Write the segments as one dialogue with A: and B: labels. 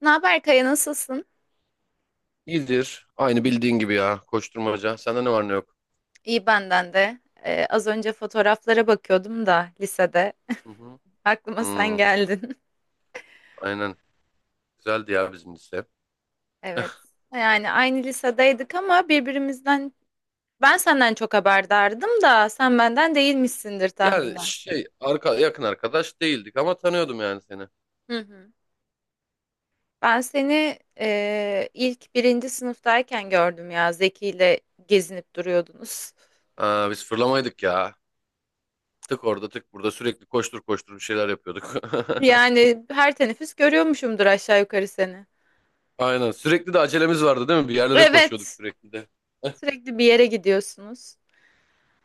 A: Ne haber Kaya, nasılsın?
B: İyidir. Aynı bildiğin gibi ya. Koşturmaca. Sende ne var ne yok?
A: İyi benden de. Az önce fotoğraflara bakıyordum da lisede.
B: Hı hı.
A: Aklıma sen
B: Hmm,
A: geldin.
B: aynen. Güzeldi ya bizim lise.
A: Evet. Yani aynı lisedeydik ama birbirimizden ben senden çok haberdardım da sen benden değilmişsindir
B: Yani
A: tahminen.
B: yakın arkadaş değildik ama tanıyordum yani seni.
A: Hı hı. Ben seni ilk birinci sınıftayken gördüm ya, Zeki ile gezinip duruyordunuz.
B: Aa, biz fırlamaydık ya. Tık orada tık burada sürekli koştur koştur bir şeyler yapıyorduk.
A: Yani her teneffüs görüyormuşumdur aşağı yukarı seni.
B: Aynen. Sürekli de acelemiz vardı değil mi? Bir yerlere koşuyorduk
A: Evet.
B: sürekli de.
A: Sürekli bir yere gidiyorsunuz.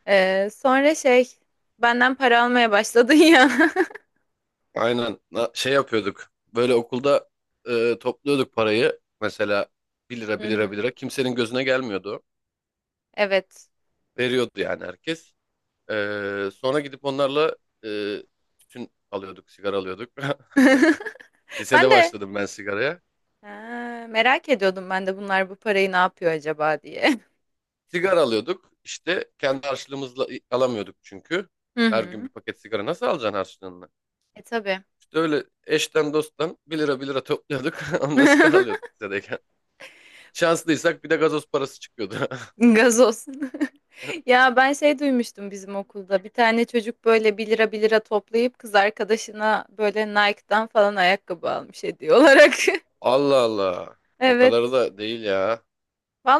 A: Sonra benden para almaya başladın ya.
B: Aynen. Şey yapıyorduk. Böyle okulda topluyorduk parayı. Mesela 1 lira
A: Hı
B: 1 lira 1
A: hı.
B: lira. Kimsenin gözüne gelmiyordu.
A: Evet.
B: Veriyordu yani herkes. Sonra gidip onlarla e, tütün alıyorduk, sigara alıyorduk. Lisede
A: Ben de
B: başladım ben sigaraya.
A: ha, merak ediyordum, ben de bunlar bu parayı ne yapıyor acaba diye.
B: Sigara alıyorduk. İşte kendi harçlığımızla alamıyorduk çünkü.
A: Hı
B: Her gün
A: hı.
B: bir paket sigara nasıl alacaksın harçlığını?
A: E tabii.
B: İşte öyle eşten dosttan 1 lira 1 lira topluyorduk. Onunla sigara alıyorduk lisedeyken. Şanslıysak bir de gazoz parası çıkıyordu.
A: Gazoz. Ya ben şey duymuştum bizim okulda. Bir tane çocuk böyle 1 lira 1 lira toplayıp kız arkadaşına böyle Nike'dan falan ayakkabı almış hediye olarak.
B: Allah Allah. O
A: Evet.
B: kadar da değil ya.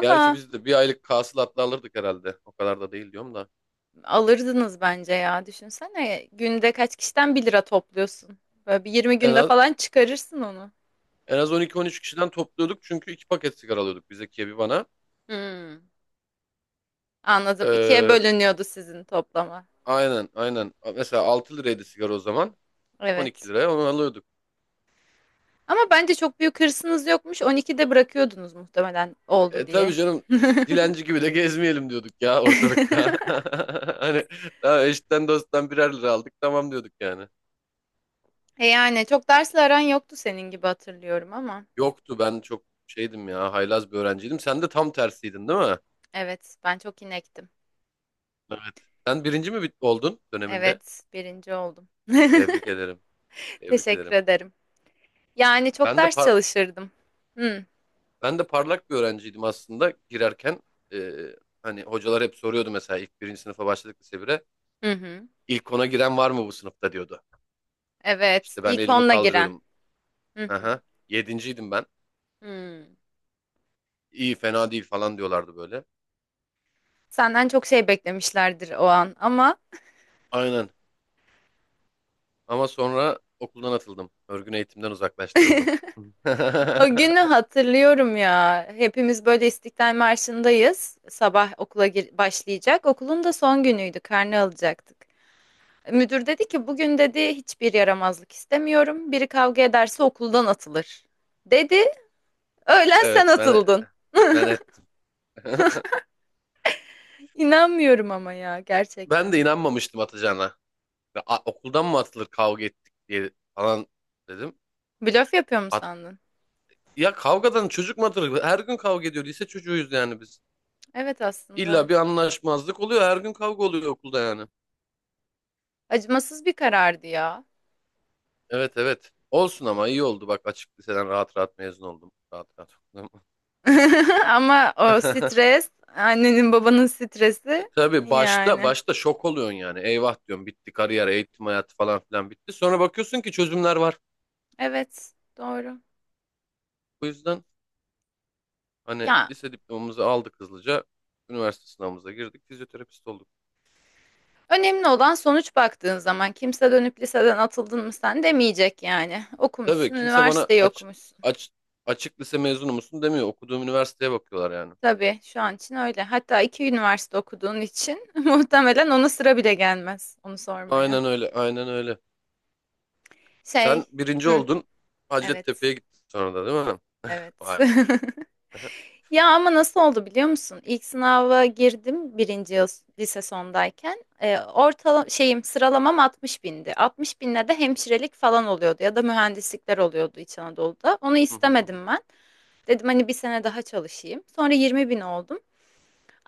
B: Gerçi biz de bir aylık hasılatla alırdık herhalde. O kadar da değil diyorum da.
A: Alırdınız bence ya. Düşünsene, günde kaç kişiden bir lira topluyorsun. Böyle bir 20
B: En
A: günde
B: az
A: falan çıkarırsın onu.
B: En az 12-13 kişiden topluyorduk çünkü iki paket sigara alıyorduk biz Zekiye bir bana.
A: Hmm, anladım. İkiye
B: Ee,
A: bölünüyordu sizin toplama.
B: aynen aynen. Mesela 6 liraydı sigara o zaman. 12
A: Evet.
B: liraya onu alıyorduk.
A: Ama bence çok büyük hırsınız yokmuş. 12'de bırakıyordunuz muhtemelen, oldu
B: E tabii
A: diye.
B: canım üf, dilenci gibi de gezmeyelim diyorduk ya ortalıkta. Hani daha eşitten dosttan birer lira aldık tamam diyorduk yani.
A: E yani çok dersle aran yoktu senin, gibi hatırlıyorum ama.
B: Yoktu, ben çok şeydim ya, haylaz bir öğrenciydim. Sen de tam tersiydin değil mi?
A: Evet, ben çok inektim.
B: Evet. Sen oldun döneminde?
A: Evet, birinci oldum.
B: Tebrik ederim. Tebrik
A: Teşekkür
B: ederim.
A: ederim. Yani çok
B: Ben de
A: ders
B: par-
A: çalışırdım. Hı,
B: Ben de parlak bir öğrenciydim aslında girerken. Ee, hani hocalar hep soruyordu mesela ilk birinci sınıfa başladık lise 1'e.
A: hı hı.
B: İlk ona giren var mı bu sınıfta diyordu.
A: Evet,
B: İşte ben
A: ilk
B: elimi
A: onla giren.
B: kaldırıyordum.
A: Hı hı.
B: Aha, yedinciydim ben.
A: Hmm.
B: İyi fena değil falan diyorlardı böyle.
A: Senden çok şey beklemişlerdir o an ama
B: Aynen, ama sonra okuldan atıldım. Örgün eğitimden uzaklaştırıldım.
A: o günü hatırlıyorum ya. Hepimiz böyle İstiklal Marşı'ndayız. Sabah okula gir- başlayacak. Okulun da son günüydü. Karne alacaktık. Müdür dedi ki bugün dedi hiçbir yaramazlık istemiyorum. Biri kavga ederse okuldan atılır. Dedi. Öğlen sen
B: Evet, ben
A: atıldın.
B: ben et.
A: İnanmıyorum ama ya,
B: Ben de
A: gerçekten.
B: inanmamıştım atacağına. Ve, "A, okuldan mı atılır kavga ettik" diye falan dedim.
A: Blöf yapıyor mu sandın?
B: Ya kavgadan çocuk mu? Her gün kavga ediyor. Lise çocuğuyuz yani biz.
A: Evet, aslında.
B: İlla bir anlaşmazlık oluyor. Her gün kavga oluyor okulda yani.
A: Acımasız bir karardı ya.
B: Evet, evet. Olsun, ama iyi oldu. Bak, açık liseden rahat rahat mezun oldum. Rahat rahat okudum.
A: Ama o stres, annenin babanın stresi
B: Tabii başta
A: yani.
B: başta şok oluyorsun yani. Eyvah diyorum, bitti kariyer, eğitim hayatı falan filan bitti. Sonra bakıyorsun ki çözümler var.
A: Evet, doğru.
B: Bu yüzden hani
A: Ya
B: lise diplomamızı aldık hızlıca. Üniversite sınavımıza girdik. Fizyoterapist olduk.
A: önemli olan sonuç, baktığın zaman kimse dönüp liseden atıldın mı sen demeyecek yani. Okumuşsun,
B: Tabii kimse bana
A: üniversiteyi okumuşsun.
B: aç, açık lise mezunu musun demiyor. Okuduğum üniversiteye bakıyorlar yani.
A: Tabii şu an için öyle. Hatta iki üniversite okuduğun için muhtemelen ona sıra bile gelmez onu sormaya.
B: Aynen öyle, aynen öyle.
A: Şey,
B: Sen birinci
A: hı,
B: oldun, Hacettepe'ye
A: evet,
B: gittin sonra da değil mi?
A: evet.
B: Vay be.
A: Ya ama nasıl oldu biliyor musun? İlk sınava girdim birinci yıl, lise sondayken. Ortala şeyim, sıralamam 60 bindi. 60 binle de hemşirelik falan oluyordu ya da mühendislikler oluyordu İç Anadolu'da. Onu istemedim ben. Dedim hani bir sene daha çalışayım. Sonra 20 bin oldum.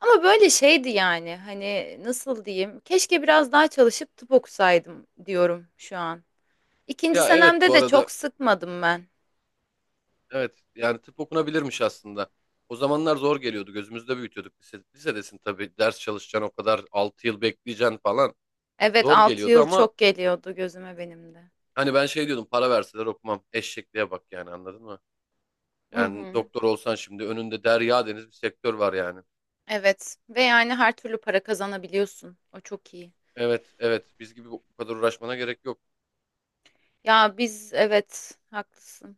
A: Ama böyle şeydi yani, hani nasıl diyeyim? Keşke biraz daha çalışıp tıp okusaydım diyorum şu an. İkinci
B: Ya evet
A: senemde
B: bu
A: de
B: arada,
A: çok sıkmadım ben.
B: evet yani tıp okunabilirmiş aslında. O zamanlar zor geliyordu, gözümüzde büyütüyorduk. Lise, lisedesin tabii, ders çalışacaksın o kadar, 6 yıl bekleyeceksin falan.
A: Evet,
B: Zor
A: 6
B: geliyordu
A: yıl
B: ama
A: çok geliyordu gözüme benim de.
B: hani ben şey diyordum, para verseler okumam. Eşekliğe bak yani, anladın mı? Yani doktor olsan şimdi önünde derya deniz bir sektör var yani.
A: Evet ve yani her türlü para kazanabiliyorsun. O çok iyi.
B: Evet, evet, biz gibi bu kadar uğraşmana gerek yok.
A: Ya biz, evet haklısın.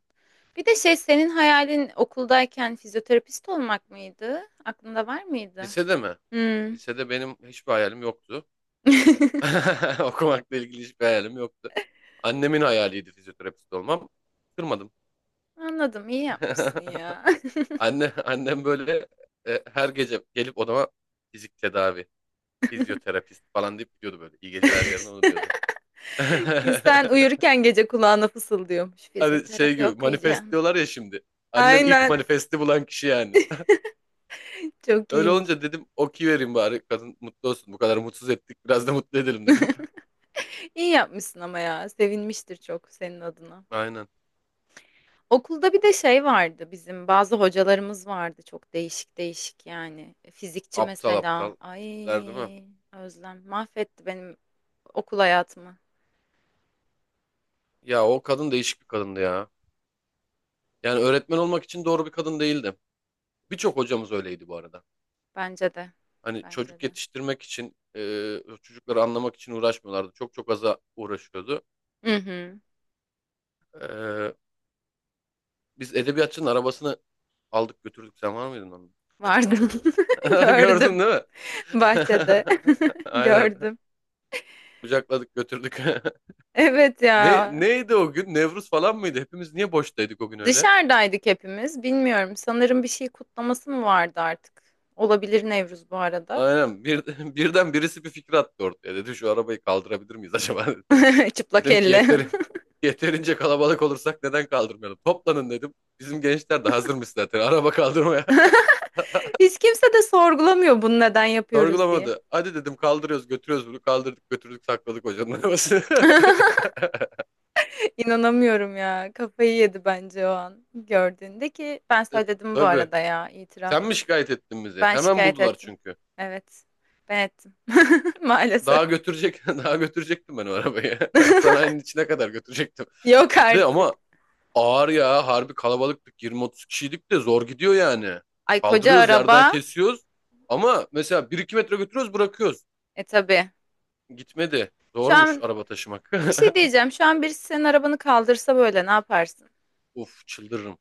A: Bir de şey, senin hayalin okuldayken fizyoterapist olmak mıydı? Aklında var mıydı?
B: Lisede mi?
A: Hmm.
B: Lisede benim hiçbir hayalim yoktu. Okumakla ilgili hiçbir hayalim yoktu. Annemin hayaliydi fizyoterapist olmam. Kırmadım.
A: Anladım, iyi yapmışsın ya.
B: Annem böyle her gece gelip odama fizik tedavi, fizyoterapist falan deyip gidiyordu böyle. İyi geceler, yarın onu diyordu.
A: İnsan uyurken gece kulağına fısıldıyormuş.
B: Hani şey
A: Fizyoterapi
B: gibi manifest
A: okuyacağım.
B: diyorlar ya şimdi. Annem ilk
A: Aynen,
B: manifesti bulan kişi yani.
A: çok
B: Öyle
A: iyiymiş.
B: olunca dedim okey vereyim bari, kadın mutlu olsun. Bu kadar mutsuz ettik, biraz da mutlu edelim dedim.
A: İyi yapmışsın, ama ya sevinmiştir çok senin adına.
B: Aynen.
A: Okulda bir de şey vardı, bizim bazı hocalarımız vardı çok değişik değişik yani. Fizikçi
B: Aptal
A: mesela.
B: aptal
A: Ay,
B: tipler değil mi?
A: Özlem mahvetti benim okul hayatımı.
B: Ya o kadın değişik bir kadındı ya. Yani öğretmen olmak için doğru bir kadın değildi. Birçok hocamız öyleydi bu arada.
A: Bence de.
B: Hani
A: Bence
B: çocuk
A: de.
B: yetiştirmek için, çocukları anlamak için uğraşmıyorlardı. Çok çok aza uğraşıyordu.
A: Hı hı.
B: E, biz edebiyatçının arabasını aldık götürdük. Sen var mıydın onun?
A: Vardı. Gördüm.
B: Gördün değil mi?
A: Bahçede.
B: Aynen.
A: Gördüm.
B: Kucakladık götürdük.
A: Evet ya.
B: Neydi o gün? Nevruz falan mıydı? Hepimiz niye boştaydık o gün öyle?
A: Dışarıdaydık hepimiz. Bilmiyorum. Sanırım bir şey kutlaması mı vardı artık? Olabilir Nevruz, bu arada.
B: Aynen. Birden birisi bir fikir attı ortaya. Dedi şu arabayı kaldırabilir miyiz acaba dedi.
A: Çıplak
B: Dedim ki
A: elle.
B: yeterince kalabalık olursak neden kaldırmayalım? Toplanın dedim. Bizim gençler de hazırmış zaten araba kaldırmaya.
A: Hiç kimse de sorgulamıyor bunu neden yapıyoruz diye.
B: Sorgulamadı. Hadi dedim, kaldırıyoruz götürüyoruz bunu. Kaldırdık götürdük sakladık hocanın arabasını.
A: İnanamıyorum ya. Kafayı yedi bence o an gördüğünde, ki ben
B: E,
A: söyledim bu
B: tabii.
A: arada ya, itiraf.
B: Sen mi şikayet ettin bizi?
A: Ben
B: Hemen
A: şikayet
B: buldular
A: ettim.
B: çünkü.
A: Evet. Ben ettim. Maalesef.
B: Daha götürecektim ben o arabayı. Hastanenin içine kadar götürecektim.
A: Yok
B: Bir de
A: artık.
B: ama ağır ya, harbi kalabalıktık, 20-30 kişiydik de zor gidiyor yani.
A: Ay koca
B: Kaldırıyoruz yerden
A: araba.
B: kesiyoruz ama mesela bir iki metre götürüyoruz bırakıyoruz.
A: E tabii.
B: Gitmedi.
A: Şu
B: Zormuş
A: an
B: araba taşımak.
A: bir şey diyeceğim. Şu an birisi senin arabanı kaldırsa böyle ne yaparsın?
B: Of, çıldırırım.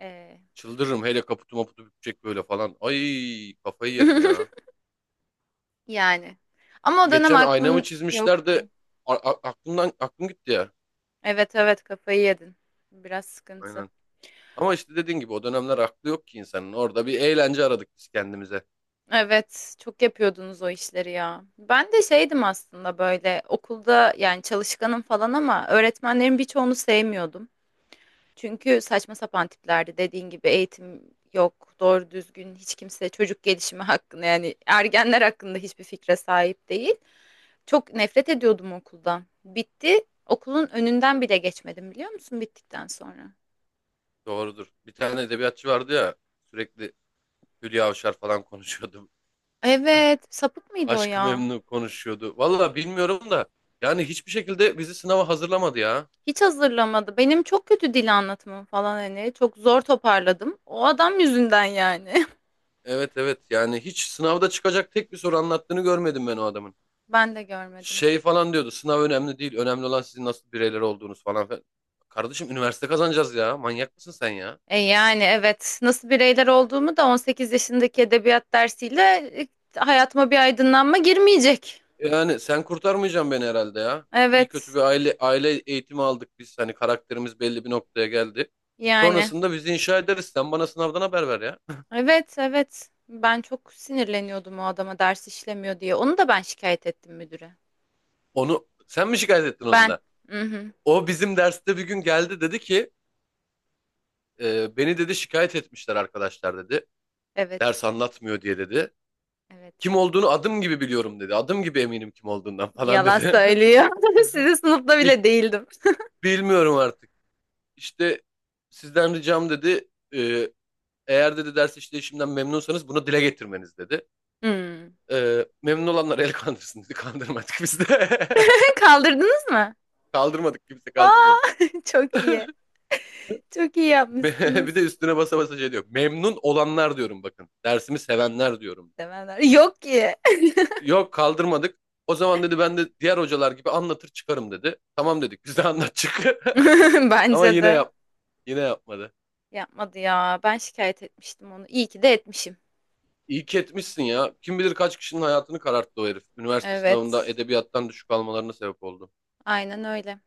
A: Ee,
B: Çıldırırım, hele kaputu maputu bükecek böyle falan. Ay kafayı yerim ya.
A: yani. Ama o dönem
B: Geçen aynamı
A: aklın
B: çizmişler
A: yoktu.
B: de aklım gitti ya.
A: Evet evet, kafayı yedin. Biraz sıkıntı.
B: Aynen. Ama işte dediğin gibi o dönemler aklı yok ki insanın. Orada bir eğlence aradık biz kendimize.
A: Evet, çok yapıyordunuz o işleri ya. Ben de şeydim aslında böyle okulda, yani çalışkanım falan ama öğretmenlerin birçoğunu sevmiyordum. Çünkü saçma sapan tiplerdi, dediğin gibi eğitim yok, doğru düzgün hiç kimse çocuk gelişimi hakkında yani ergenler hakkında hiçbir fikre sahip değil. Çok nefret ediyordum okuldan. Bitti, okulun önünden bile geçmedim biliyor musun bittikten sonra?
B: Doğrudur. Bir tane edebiyatçı vardı ya, sürekli Hülya Avşar falan konuşuyordu,
A: Evet, sapık mıydı o
B: Aşk-ı
A: ya?
B: Memnu konuşuyordu. Valla bilmiyorum da yani hiçbir şekilde bizi sınava hazırlamadı ya.
A: Hiç hazırlamadı. Benim çok kötü dil anlatımım falan hani. Çok zor toparladım. O adam yüzünden yani.
B: Evet, evet, yani hiç sınavda çıkacak tek bir soru anlattığını görmedim ben o adamın.
A: Ben de görmedim.
B: Şey falan diyordu, sınav önemli değil, önemli olan sizin nasıl bireyler olduğunuz falan filan. Kardeşim üniversite kazanacağız ya, manyak mısın sen ya?
A: E yani evet. Nasıl bireyler olduğumu da 18 yaşındaki edebiyat dersiyle e, hayatıma bir aydınlanma girmeyecek.
B: Yani sen kurtarmayacaksın beni herhalde ya. İyi kötü
A: Evet.
B: bir aile eğitimi aldık biz, hani karakterimiz belli bir noktaya geldi.
A: Yani.
B: Sonrasında bizi inşa ederiz, sen bana sınavdan haber ver ya.
A: Evet, evet. Ben çok sinirleniyordum o adama ders işlemiyor diye. Onu da ben şikayet ettim müdüre.
B: Onu sen mi şikayet ettin, onu
A: Ben.
B: da?
A: Mhm.
B: O bizim derste bir gün geldi dedi ki beni dedi şikayet etmişler arkadaşlar dedi. Ders
A: Evet.
B: anlatmıyor diye dedi. Kim
A: Evet.
B: olduğunu adım gibi biliyorum dedi. Adım gibi eminim kim olduğundan falan
A: Yalan
B: dedi.
A: söylüyor. Sizin sınıfta
B: "Bi-
A: bile değildim.
B: Bilmiyorum artık. İşte sizden ricam dedi. e, eğer dedi ders işleyişimden memnunsanız bunu dile getirmeniz dedi.
A: Hmm.
B: E, memnun olanlar el kandırsın dedi. Kandırmadık biz de.
A: Kaldırdınız mı?
B: Kaldırmadık, kimse
A: Aa,
B: kaldırmadı.
A: çok iyi. Çok iyi
B: Bir de
A: yapmışsınız.
B: üstüne basa basa şey diyor. Memnun olanlar diyorum bakın. Dersimi sevenler diyorum.
A: Demeler. Yok ki.
B: Yok, kaldırmadık. O zaman dedi ben de diğer hocalar gibi anlatır çıkarım dedi. Tamam dedik biz de, anlat çık. Ama
A: Bence de.
B: yine yapmadı.
A: Yapmadı ya. Ben şikayet etmiştim onu. İyi ki de etmişim.
B: İyi ki etmişsin ya. Kim bilir kaç kişinin hayatını kararttı o herif. Üniversite sınavında
A: Evet.
B: edebiyattan düşük almalarına sebep oldu.
A: Aynen öyle.